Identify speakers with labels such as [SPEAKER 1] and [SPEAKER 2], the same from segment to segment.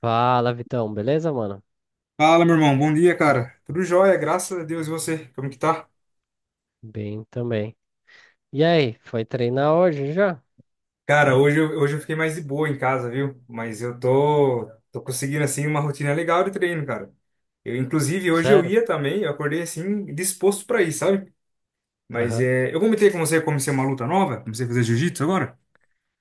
[SPEAKER 1] Fala, Vitão, beleza, mano?
[SPEAKER 2] Fala, meu irmão. Bom dia, cara. Tudo jóia, graças a Deus. E você? Como que tá?
[SPEAKER 1] Bem também. E aí, foi treinar hoje já?
[SPEAKER 2] Cara, hoje eu fiquei mais de boa em casa, viu? Mas eu tô conseguindo, assim, uma rotina legal de treino, cara. Eu, inclusive, hoje eu
[SPEAKER 1] Sério?
[SPEAKER 2] ia também. Eu acordei, assim, disposto pra ir, sabe? Mas
[SPEAKER 1] Aham.
[SPEAKER 2] é, eu comentei com você, eu comecei uma luta nova. Comecei a fazer jiu-jitsu agora.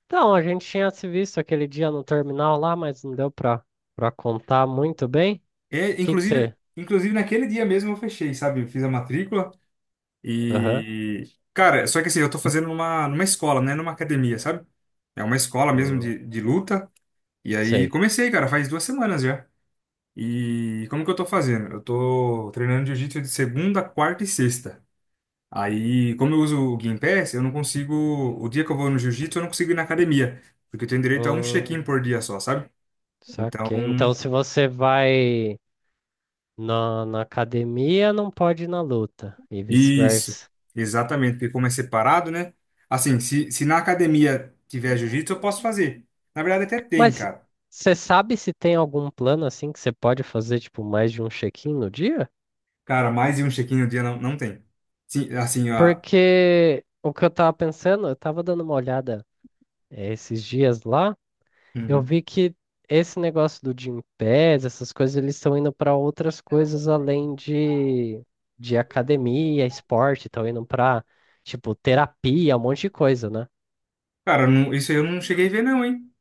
[SPEAKER 1] Então, a gente tinha se visto aquele dia no terminal lá, mas não deu pra contar muito bem. O
[SPEAKER 2] É,
[SPEAKER 1] que que
[SPEAKER 2] inclusive,
[SPEAKER 1] você.
[SPEAKER 2] inclusive, naquele dia mesmo eu fechei, sabe? Eu fiz a matrícula
[SPEAKER 1] Aham.
[SPEAKER 2] e... Cara, só que assim, eu tô fazendo numa escola, né? Numa academia, sabe? É uma escola mesmo
[SPEAKER 1] Hum,
[SPEAKER 2] de luta. E aí
[SPEAKER 1] sei.
[SPEAKER 2] comecei, cara, faz 2 semanas já. E como que eu tô fazendo? Eu tô treinando jiu-jitsu de segunda, quarta e sexta. Aí, como eu uso o Gympass, eu não consigo. O dia que eu vou no jiu-jitsu, eu não consigo ir na academia. Porque eu tenho direito a um check-in
[SPEAKER 1] Hum,
[SPEAKER 2] por dia só, sabe? Então,
[SPEAKER 1] saquei. Então, se você vai na academia, não pode ir na luta, e
[SPEAKER 2] isso.
[SPEAKER 1] vice-versa.
[SPEAKER 2] Exatamente, porque como é separado, né? Assim, se na academia tiver jiu-jitsu, eu posso fazer. Na verdade, até tem,
[SPEAKER 1] Mas
[SPEAKER 2] cara.
[SPEAKER 1] você sabe se tem algum plano assim que você pode fazer, tipo, mais de um check-in no dia?
[SPEAKER 2] Cara, mais de um check-in no dia não, não tem. Sim, assim, ó.
[SPEAKER 1] Porque o que eu tava pensando, eu tava dando uma olhada esses dias lá, eu
[SPEAKER 2] Uhum.
[SPEAKER 1] vi que esse negócio do Gympass, essas coisas, eles estão indo para outras coisas além de academia, esporte, estão indo para, tipo, terapia, um monte de coisa, né?
[SPEAKER 2] Cara, isso aí eu não cheguei a ver, não, hein?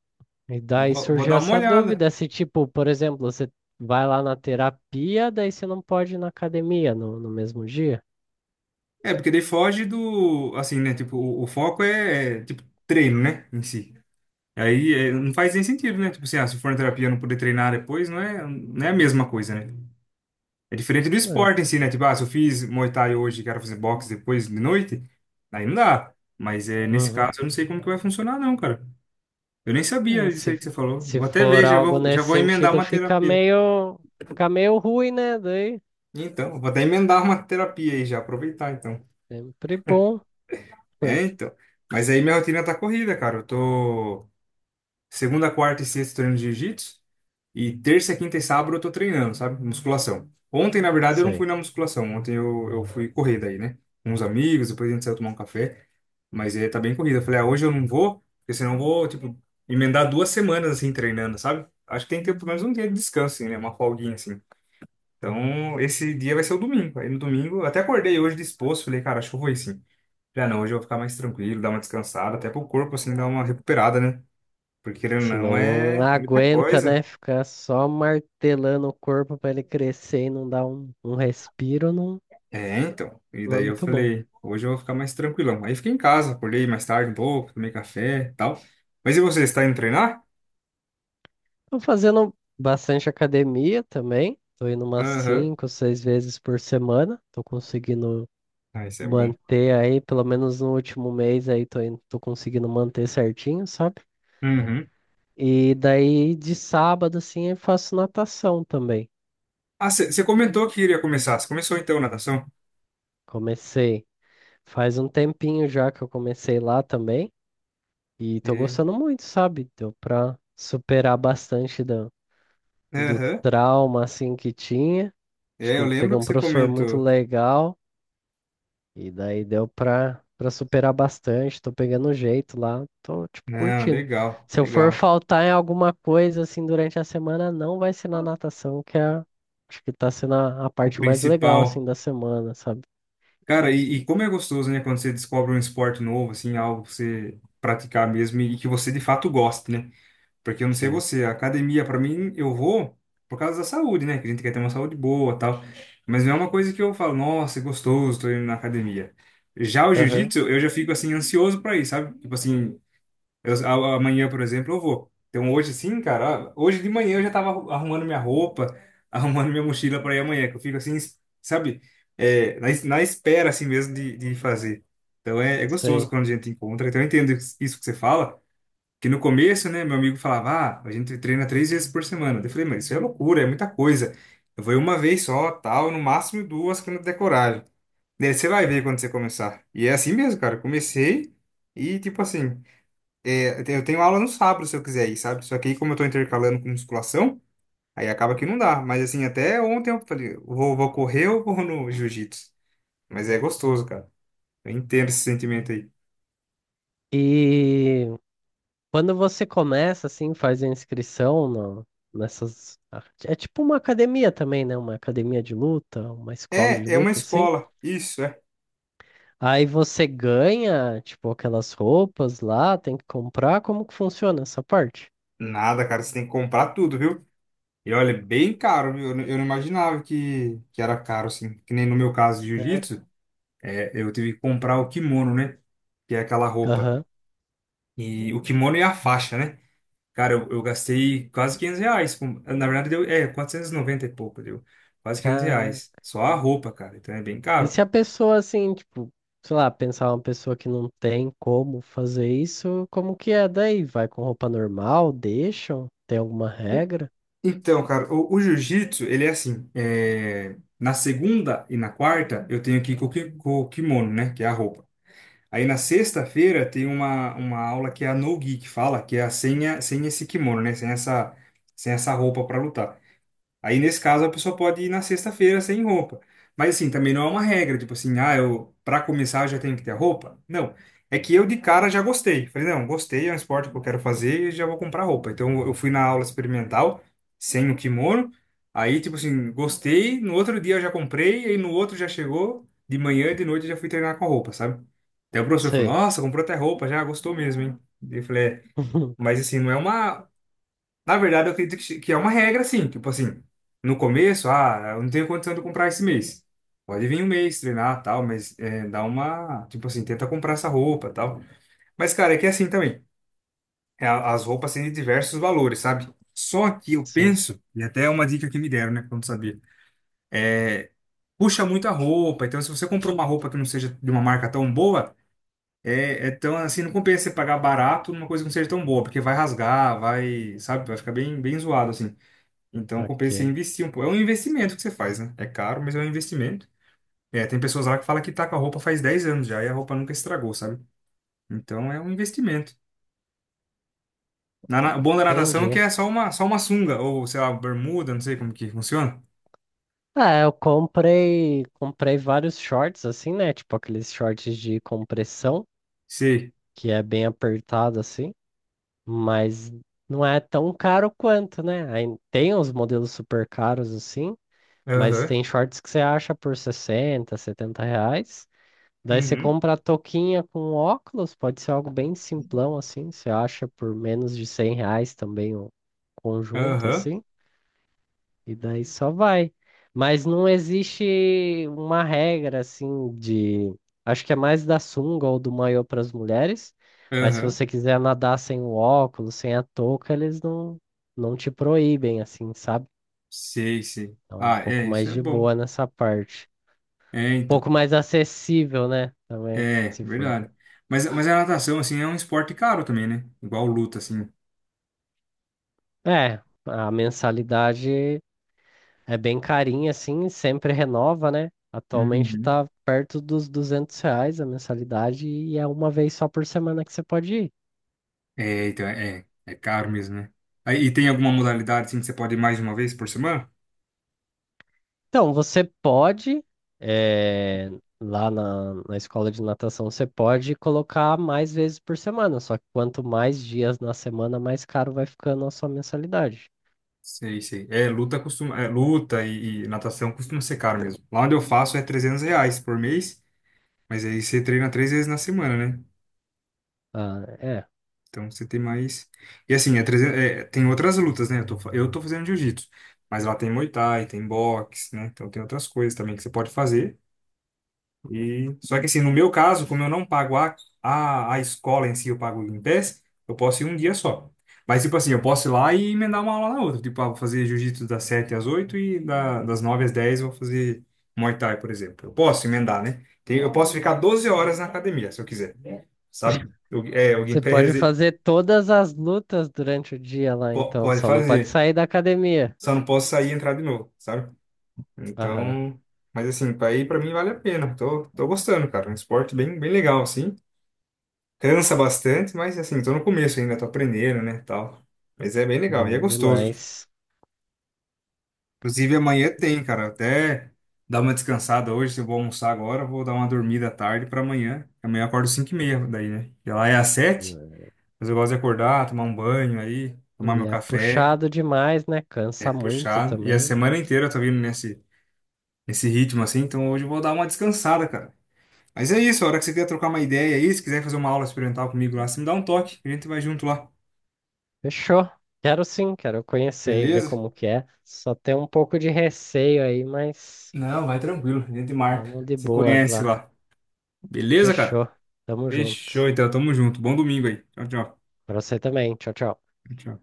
[SPEAKER 1] E daí
[SPEAKER 2] Vou
[SPEAKER 1] surgiu
[SPEAKER 2] dar uma
[SPEAKER 1] essa
[SPEAKER 2] olhada.
[SPEAKER 1] dúvida se, tipo, por exemplo, você vai lá na terapia, daí você não pode ir na academia no mesmo dia.
[SPEAKER 2] É, porque daí foge do. Assim, né? Tipo, o foco é, tipo, treino, né? Em si. Aí é, não faz nem sentido, né? Tipo assim, ah, se for na terapia não poder treinar depois, não é, não é a mesma coisa, né? É diferente do esporte em si, né? Tipo, ah, se eu fiz Muay Thai hoje e quero fazer boxe depois de noite, aí não dá. Mas é, nesse
[SPEAKER 1] É.
[SPEAKER 2] caso eu não sei como que vai funcionar, não, cara. Eu nem
[SPEAKER 1] É,
[SPEAKER 2] sabia disso
[SPEAKER 1] se,
[SPEAKER 2] aí que você falou.
[SPEAKER 1] se
[SPEAKER 2] Vou até
[SPEAKER 1] for
[SPEAKER 2] ver, já
[SPEAKER 1] algo
[SPEAKER 2] vou, já
[SPEAKER 1] nesse
[SPEAKER 2] vou emendar
[SPEAKER 1] sentido,
[SPEAKER 2] uma
[SPEAKER 1] fica
[SPEAKER 2] terapia.
[SPEAKER 1] meio, fica meio ruim, né? Daí,
[SPEAKER 2] Então, vou até emendar uma terapia aí já, aproveitar então.
[SPEAKER 1] sempre bom.
[SPEAKER 2] É, então. Mas aí minha rotina tá corrida, cara. Eu tô segunda, quarta e sexta treinando jiu-jitsu e terça, quinta e sábado eu tô treinando, sabe? Musculação. Ontem, na verdade, eu
[SPEAKER 1] Isso
[SPEAKER 2] não
[SPEAKER 1] aí.
[SPEAKER 2] fui na musculação. Ontem eu fui correr daí, né? Com uns amigos, depois a gente saiu tomar um café. Mas aí tá bem corrida. Eu falei, ah, hoje eu não vou, porque senão eu vou, tipo, emendar duas semanas assim treinando, sabe? Acho que tem que ter pelo menos um dia de descanso, assim, né? Uma folguinha, assim. Então, esse dia vai ser o domingo. Aí no domingo, eu até acordei hoje disposto, falei, cara, acho que eu vou ir sim. Já não, hoje eu vou ficar mais tranquilo, dar uma descansada, até pro corpo, assim, dar uma recuperada, né? Porque querendo ou
[SPEAKER 1] Se
[SPEAKER 2] não,
[SPEAKER 1] não
[SPEAKER 2] é muita
[SPEAKER 1] aguenta, né?
[SPEAKER 2] coisa.
[SPEAKER 1] Ficar só martelando o corpo para ele crescer e não dar um respiro, não,
[SPEAKER 2] É, então. E
[SPEAKER 1] não é
[SPEAKER 2] daí eu
[SPEAKER 1] muito bom.
[SPEAKER 2] falei, hoje eu vou ficar mais tranquilão. Aí fiquei em casa, acordei mais tarde um pouco, tomei café e tal. Mas e você, está indo treinar?
[SPEAKER 1] Tô fazendo bastante academia também. Tô indo umas
[SPEAKER 2] Aham.
[SPEAKER 1] cinco, seis vezes por semana. Tô conseguindo
[SPEAKER 2] Ah, isso é bom.
[SPEAKER 1] manter aí, pelo menos no último mês aí, tô conseguindo manter certinho, sabe?
[SPEAKER 2] Uhum.
[SPEAKER 1] E daí de sábado, assim, eu faço natação também.
[SPEAKER 2] Ah, você comentou que iria começar. Você começou então natação?
[SPEAKER 1] Comecei. Faz um tempinho já que eu comecei lá também. E tô
[SPEAKER 2] E-
[SPEAKER 1] gostando muito, sabe? Deu pra superar bastante do
[SPEAKER 2] Aham.
[SPEAKER 1] trauma, assim, que tinha. Acho
[SPEAKER 2] É,
[SPEAKER 1] que
[SPEAKER 2] eu
[SPEAKER 1] eu peguei
[SPEAKER 2] lembro que
[SPEAKER 1] um
[SPEAKER 2] você
[SPEAKER 1] professor muito
[SPEAKER 2] comentou.
[SPEAKER 1] legal. E daí deu pra superar bastante, tô pegando o jeito lá, tô, tipo,
[SPEAKER 2] Não,
[SPEAKER 1] curtindo.
[SPEAKER 2] legal,
[SPEAKER 1] Se eu for
[SPEAKER 2] legal.
[SPEAKER 1] faltar em alguma coisa, assim, durante a semana, não vai ser na natação, que é, acho que tá sendo a
[SPEAKER 2] O
[SPEAKER 1] parte mais legal,
[SPEAKER 2] principal.
[SPEAKER 1] assim, da semana, sabe?
[SPEAKER 2] Cara, e como é gostoso, né, quando você descobre um esporte novo, assim, algo pra você praticar mesmo e que você de fato goste, né? Porque eu não sei
[SPEAKER 1] Sim.
[SPEAKER 2] você, a academia, pra mim, eu vou por causa da saúde, né? Que a gente quer ter uma saúde boa tal. Mas não é uma coisa que eu falo, nossa, é gostoso, tô indo na academia. Já o
[SPEAKER 1] Aham,
[SPEAKER 2] jiu-jitsu, eu já fico, assim, ansioso pra ir, sabe? Tipo assim, amanhã, por exemplo, eu vou. Então hoje sim, cara, hoje de manhã eu já tava arrumando minha roupa, arrumando minha mochila para ir amanhã, que eu fico assim, sabe, é, na espera assim mesmo de fazer. Então é, é gostoso
[SPEAKER 1] sei.
[SPEAKER 2] quando a gente encontra. Então eu entendo isso que você fala, que no começo, né, meu amigo falava, ah, a gente treina 3 vezes por semana. Eu falei, mas isso é loucura, é muita coisa. Eu vou ir uma vez só, tal, no máximo duas quando eu der coragem. Daí você vai ver quando você começar. E é assim mesmo, cara, eu comecei e tipo assim. É, eu tenho aula no sábado, se eu quiser ir, sabe? Só que aí, como eu tô intercalando com musculação, aí acaba que não dá. Mas assim, até ontem eu falei, vou correr ou vou no jiu-jitsu? Mas é gostoso, cara. Eu entendo esse sentimento aí.
[SPEAKER 1] E quando você começa, assim, faz a inscrição no, nessas, ah, é tipo uma academia também, né? Uma academia de luta, uma escola de
[SPEAKER 2] É, é uma
[SPEAKER 1] luta, assim.
[SPEAKER 2] escola. Isso, é.
[SPEAKER 1] Aí você ganha, tipo, aquelas roupas lá, tem que comprar. Como que funciona essa parte?
[SPEAKER 2] Nada, cara, você tem que comprar tudo, viu? E olha, é bem caro, viu? Não, eu não imaginava que era caro, assim. Que nem no meu caso de
[SPEAKER 1] Sério?
[SPEAKER 2] jiu-jitsu, é, eu tive que comprar o kimono, né? Que é aquela roupa.
[SPEAKER 1] Aham.
[SPEAKER 2] E o kimono e a faixa, né? Cara, eu gastei quase R$ 500. Na verdade, deu, é, quatrocentos e noventa e pouco, deu. Quase 500
[SPEAKER 1] Caraca.
[SPEAKER 2] reais. Só a roupa, cara. Então é bem
[SPEAKER 1] E
[SPEAKER 2] caro.
[SPEAKER 1] se a pessoa, assim, tipo, sei lá, pensar uma pessoa que não tem como fazer isso, como que é daí? Vai com roupa normal? Deixam? Tem alguma regra?
[SPEAKER 2] Então, cara, o jiu-jitsu, ele é assim. Na segunda e na quarta, eu tenho que ir com o kimono, né? Que é a roupa. Aí na sexta-feira tem uma aula que é a no-gi, que fala que é a sem esse kimono, né? Sem essa, sem essa roupa para lutar. Aí, nesse caso, a pessoa pode ir na sexta-feira sem roupa. Mas, assim, também não é uma regra, tipo assim, ah, eu, pra começar, eu já tenho que ter a roupa. Não. É que eu, de cara, já gostei. Falei, não, gostei, é um esporte que eu quero fazer e já vou comprar roupa. Então, eu fui na aula experimental, sem o kimono. Aí, tipo assim, gostei, no outro dia eu já comprei, aí no outro já chegou, de manhã e de noite eu já fui treinar com a roupa, sabe? Daí o professor falou,
[SPEAKER 1] Sei.
[SPEAKER 2] nossa, comprou até roupa, já gostou mesmo, hein? Daí eu falei, é. Mas, assim, não é uma, na verdade, eu acredito que é uma regra, assim, tipo assim, no começo, ah, eu não tenho condição de comprar esse mês. Pode vir um mês treinar, tal, mas é, dá uma, tipo assim, tenta comprar essa roupa, tal. Mas, cara, é que é assim também, é, as roupas têm diversos valores, sabe? Só que eu
[SPEAKER 1] Sim.
[SPEAKER 2] penso, e até é uma dica que me deram, né, quando sabia, puxa muito a roupa, então se você comprou uma roupa que não seja de uma marca tão boa, é tão, assim, não compensa você pagar barato numa coisa que não seja tão boa, porque vai rasgar, vai, sabe, vai ficar bem, bem zoado, assim. Então compensa
[SPEAKER 1] Ok.
[SPEAKER 2] investir um pouco. É um investimento que você faz, né? É caro, mas é um investimento. É, tem pessoas lá que falam que tá com a roupa faz 10 anos já e a roupa nunca estragou, sabe? Então é um investimento. O bom da natação é que
[SPEAKER 1] Entendi.
[SPEAKER 2] é só uma sunga, ou sei lá, bermuda, não sei como que funciona.
[SPEAKER 1] Ah, eu comprei vários shorts assim, né? Tipo aqueles shorts de compressão,
[SPEAKER 2] Sei.
[SPEAKER 1] que é bem apertado assim. Mas não é tão caro quanto, né? Aí tem uns modelos super caros assim, mas
[SPEAKER 2] Aham.
[SPEAKER 1] tem shorts que você acha por 60, 70 reais. Daí você
[SPEAKER 2] Uhum.
[SPEAKER 1] compra a touquinha com óculos, pode ser algo bem simplão assim, você acha por menos de R$ 100 também o conjunto
[SPEAKER 2] Aham.
[SPEAKER 1] assim. E daí só vai. Mas não existe uma regra assim de. Acho que é mais da sunga ou do maiô para as mulheres. Mas se
[SPEAKER 2] Aham.
[SPEAKER 1] você quiser nadar sem o óculos, sem a touca, eles não te proíbem, assim, sabe?
[SPEAKER 2] Sei, sei.
[SPEAKER 1] Então é um
[SPEAKER 2] Ah, é,
[SPEAKER 1] pouco
[SPEAKER 2] isso
[SPEAKER 1] mais
[SPEAKER 2] é
[SPEAKER 1] de
[SPEAKER 2] bom.
[SPEAKER 1] boa nessa parte.
[SPEAKER 2] É,
[SPEAKER 1] Um pouco
[SPEAKER 2] então.
[SPEAKER 1] mais acessível, né? Também,
[SPEAKER 2] É,
[SPEAKER 1] se for.
[SPEAKER 2] verdade. Mas a natação, assim, é um esporte caro também, né? Igual luta, assim.
[SPEAKER 1] É, a mensalidade. É bem carinho assim, sempre renova, né? Atualmente
[SPEAKER 2] Uhum.
[SPEAKER 1] tá perto dos R$ 200 a mensalidade e é uma vez só por semana que você pode ir.
[SPEAKER 2] É, então, é caro mesmo, né? Aí, e tem alguma modalidade assim que você pode ir mais de uma vez por semana?
[SPEAKER 1] Então, você pode, eh, lá na escola de natação, você pode colocar mais vezes por semana, só que quanto mais dias na semana, mais caro vai ficando a sua mensalidade.
[SPEAKER 2] Sei, sei. É, luta costuma, é, luta e natação costuma ser caro mesmo. Lá onde eu faço é R$ 300 por mês, mas aí você treina 3 vezes na semana, né?
[SPEAKER 1] Ah, é.
[SPEAKER 2] Então você tem mais. E assim, é 300, é, tem outras lutas, né? Eu tô, eu tô fazendo jiu-jitsu, mas lá tem Muay Thai, tem boxe, né? Então tem outras coisas também que você pode fazer. E... Só que assim, no meu caso, como eu não pago a, a escola em si, eu pago o Gympass, eu posso ir um dia só. Mas tipo assim, eu posso ir lá e emendar uma aula na outra. Tipo, ah, vou fazer jiu-jitsu das 7h às 8h e das 9h às 10h eu vou fazer Muay Thai, por exemplo. Eu posso emendar, né? Tem- Eu posso ficar 12 horas na academia, se eu quiser, sabe? Eu, é, o
[SPEAKER 1] Você
[SPEAKER 2] Gympass
[SPEAKER 1] pode fazer todas as lutas durante o dia lá, então,
[SPEAKER 2] pode
[SPEAKER 1] só não pode
[SPEAKER 2] fazer,
[SPEAKER 1] sair da academia.
[SPEAKER 2] só não posso sair e entrar de novo, sabe?
[SPEAKER 1] Aham,
[SPEAKER 2] Então... Mas assim, pra ir pra mim vale a pena. Tô gostando, cara. É um esporte bem, bem legal, assim. Cansa bastante, mas assim, tô no começo ainda, tô aprendendo, né, tal. Mas é bem legal e é
[SPEAKER 1] bom
[SPEAKER 2] gostoso.
[SPEAKER 1] demais.
[SPEAKER 2] Inclusive amanhã tem, cara, até dar uma descansada hoje, se eu vou almoçar agora, eu vou dar uma dormida à tarde pra amanhã. Amanhã eu acordo 5h30 daí, né? E lá é às 7h. Mas eu gosto de acordar, tomar um banho aí, tomar
[SPEAKER 1] E
[SPEAKER 2] meu
[SPEAKER 1] é
[SPEAKER 2] café,
[SPEAKER 1] puxado demais, né?
[SPEAKER 2] é
[SPEAKER 1] Cansa muito
[SPEAKER 2] puxado. E a
[SPEAKER 1] também.
[SPEAKER 2] semana inteira eu tô vindo nesse ritmo assim, então hoje eu vou dar uma descansada, cara. Mas é isso, a hora que você quiser trocar uma ideia aí, se quiser fazer uma aula experimental comigo lá, você me dá um toque, a gente vai junto lá.
[SPEAKER 1] Fechou. Quero sim, quero conhecer e ver
[SPEAKER 2] Beleza?
[SPEAKER 1] como que é. Só tem um pouco de receio aí, mas
[SPEAKER 2] Não, vai tranquilo, a gente marca.
[SPEAKER 1] vamos de
[SPEAKER 2] Você
[SPEAKER 1] boas
[SPEAKER 2] conhece
[SPEAKER 1] lá.
[SPEAKER 2] lá. Beleza, cara?
[SPEAKER 1] Fechou. Tamo junto.
[SPEAKER 2] Fechou, então. Tamo junto. Bom domingo aí. Tchau, tchau.
[SPEAKER 1] Pra você também. Tchau, tchau.
[SPEAKER 2] Tchau.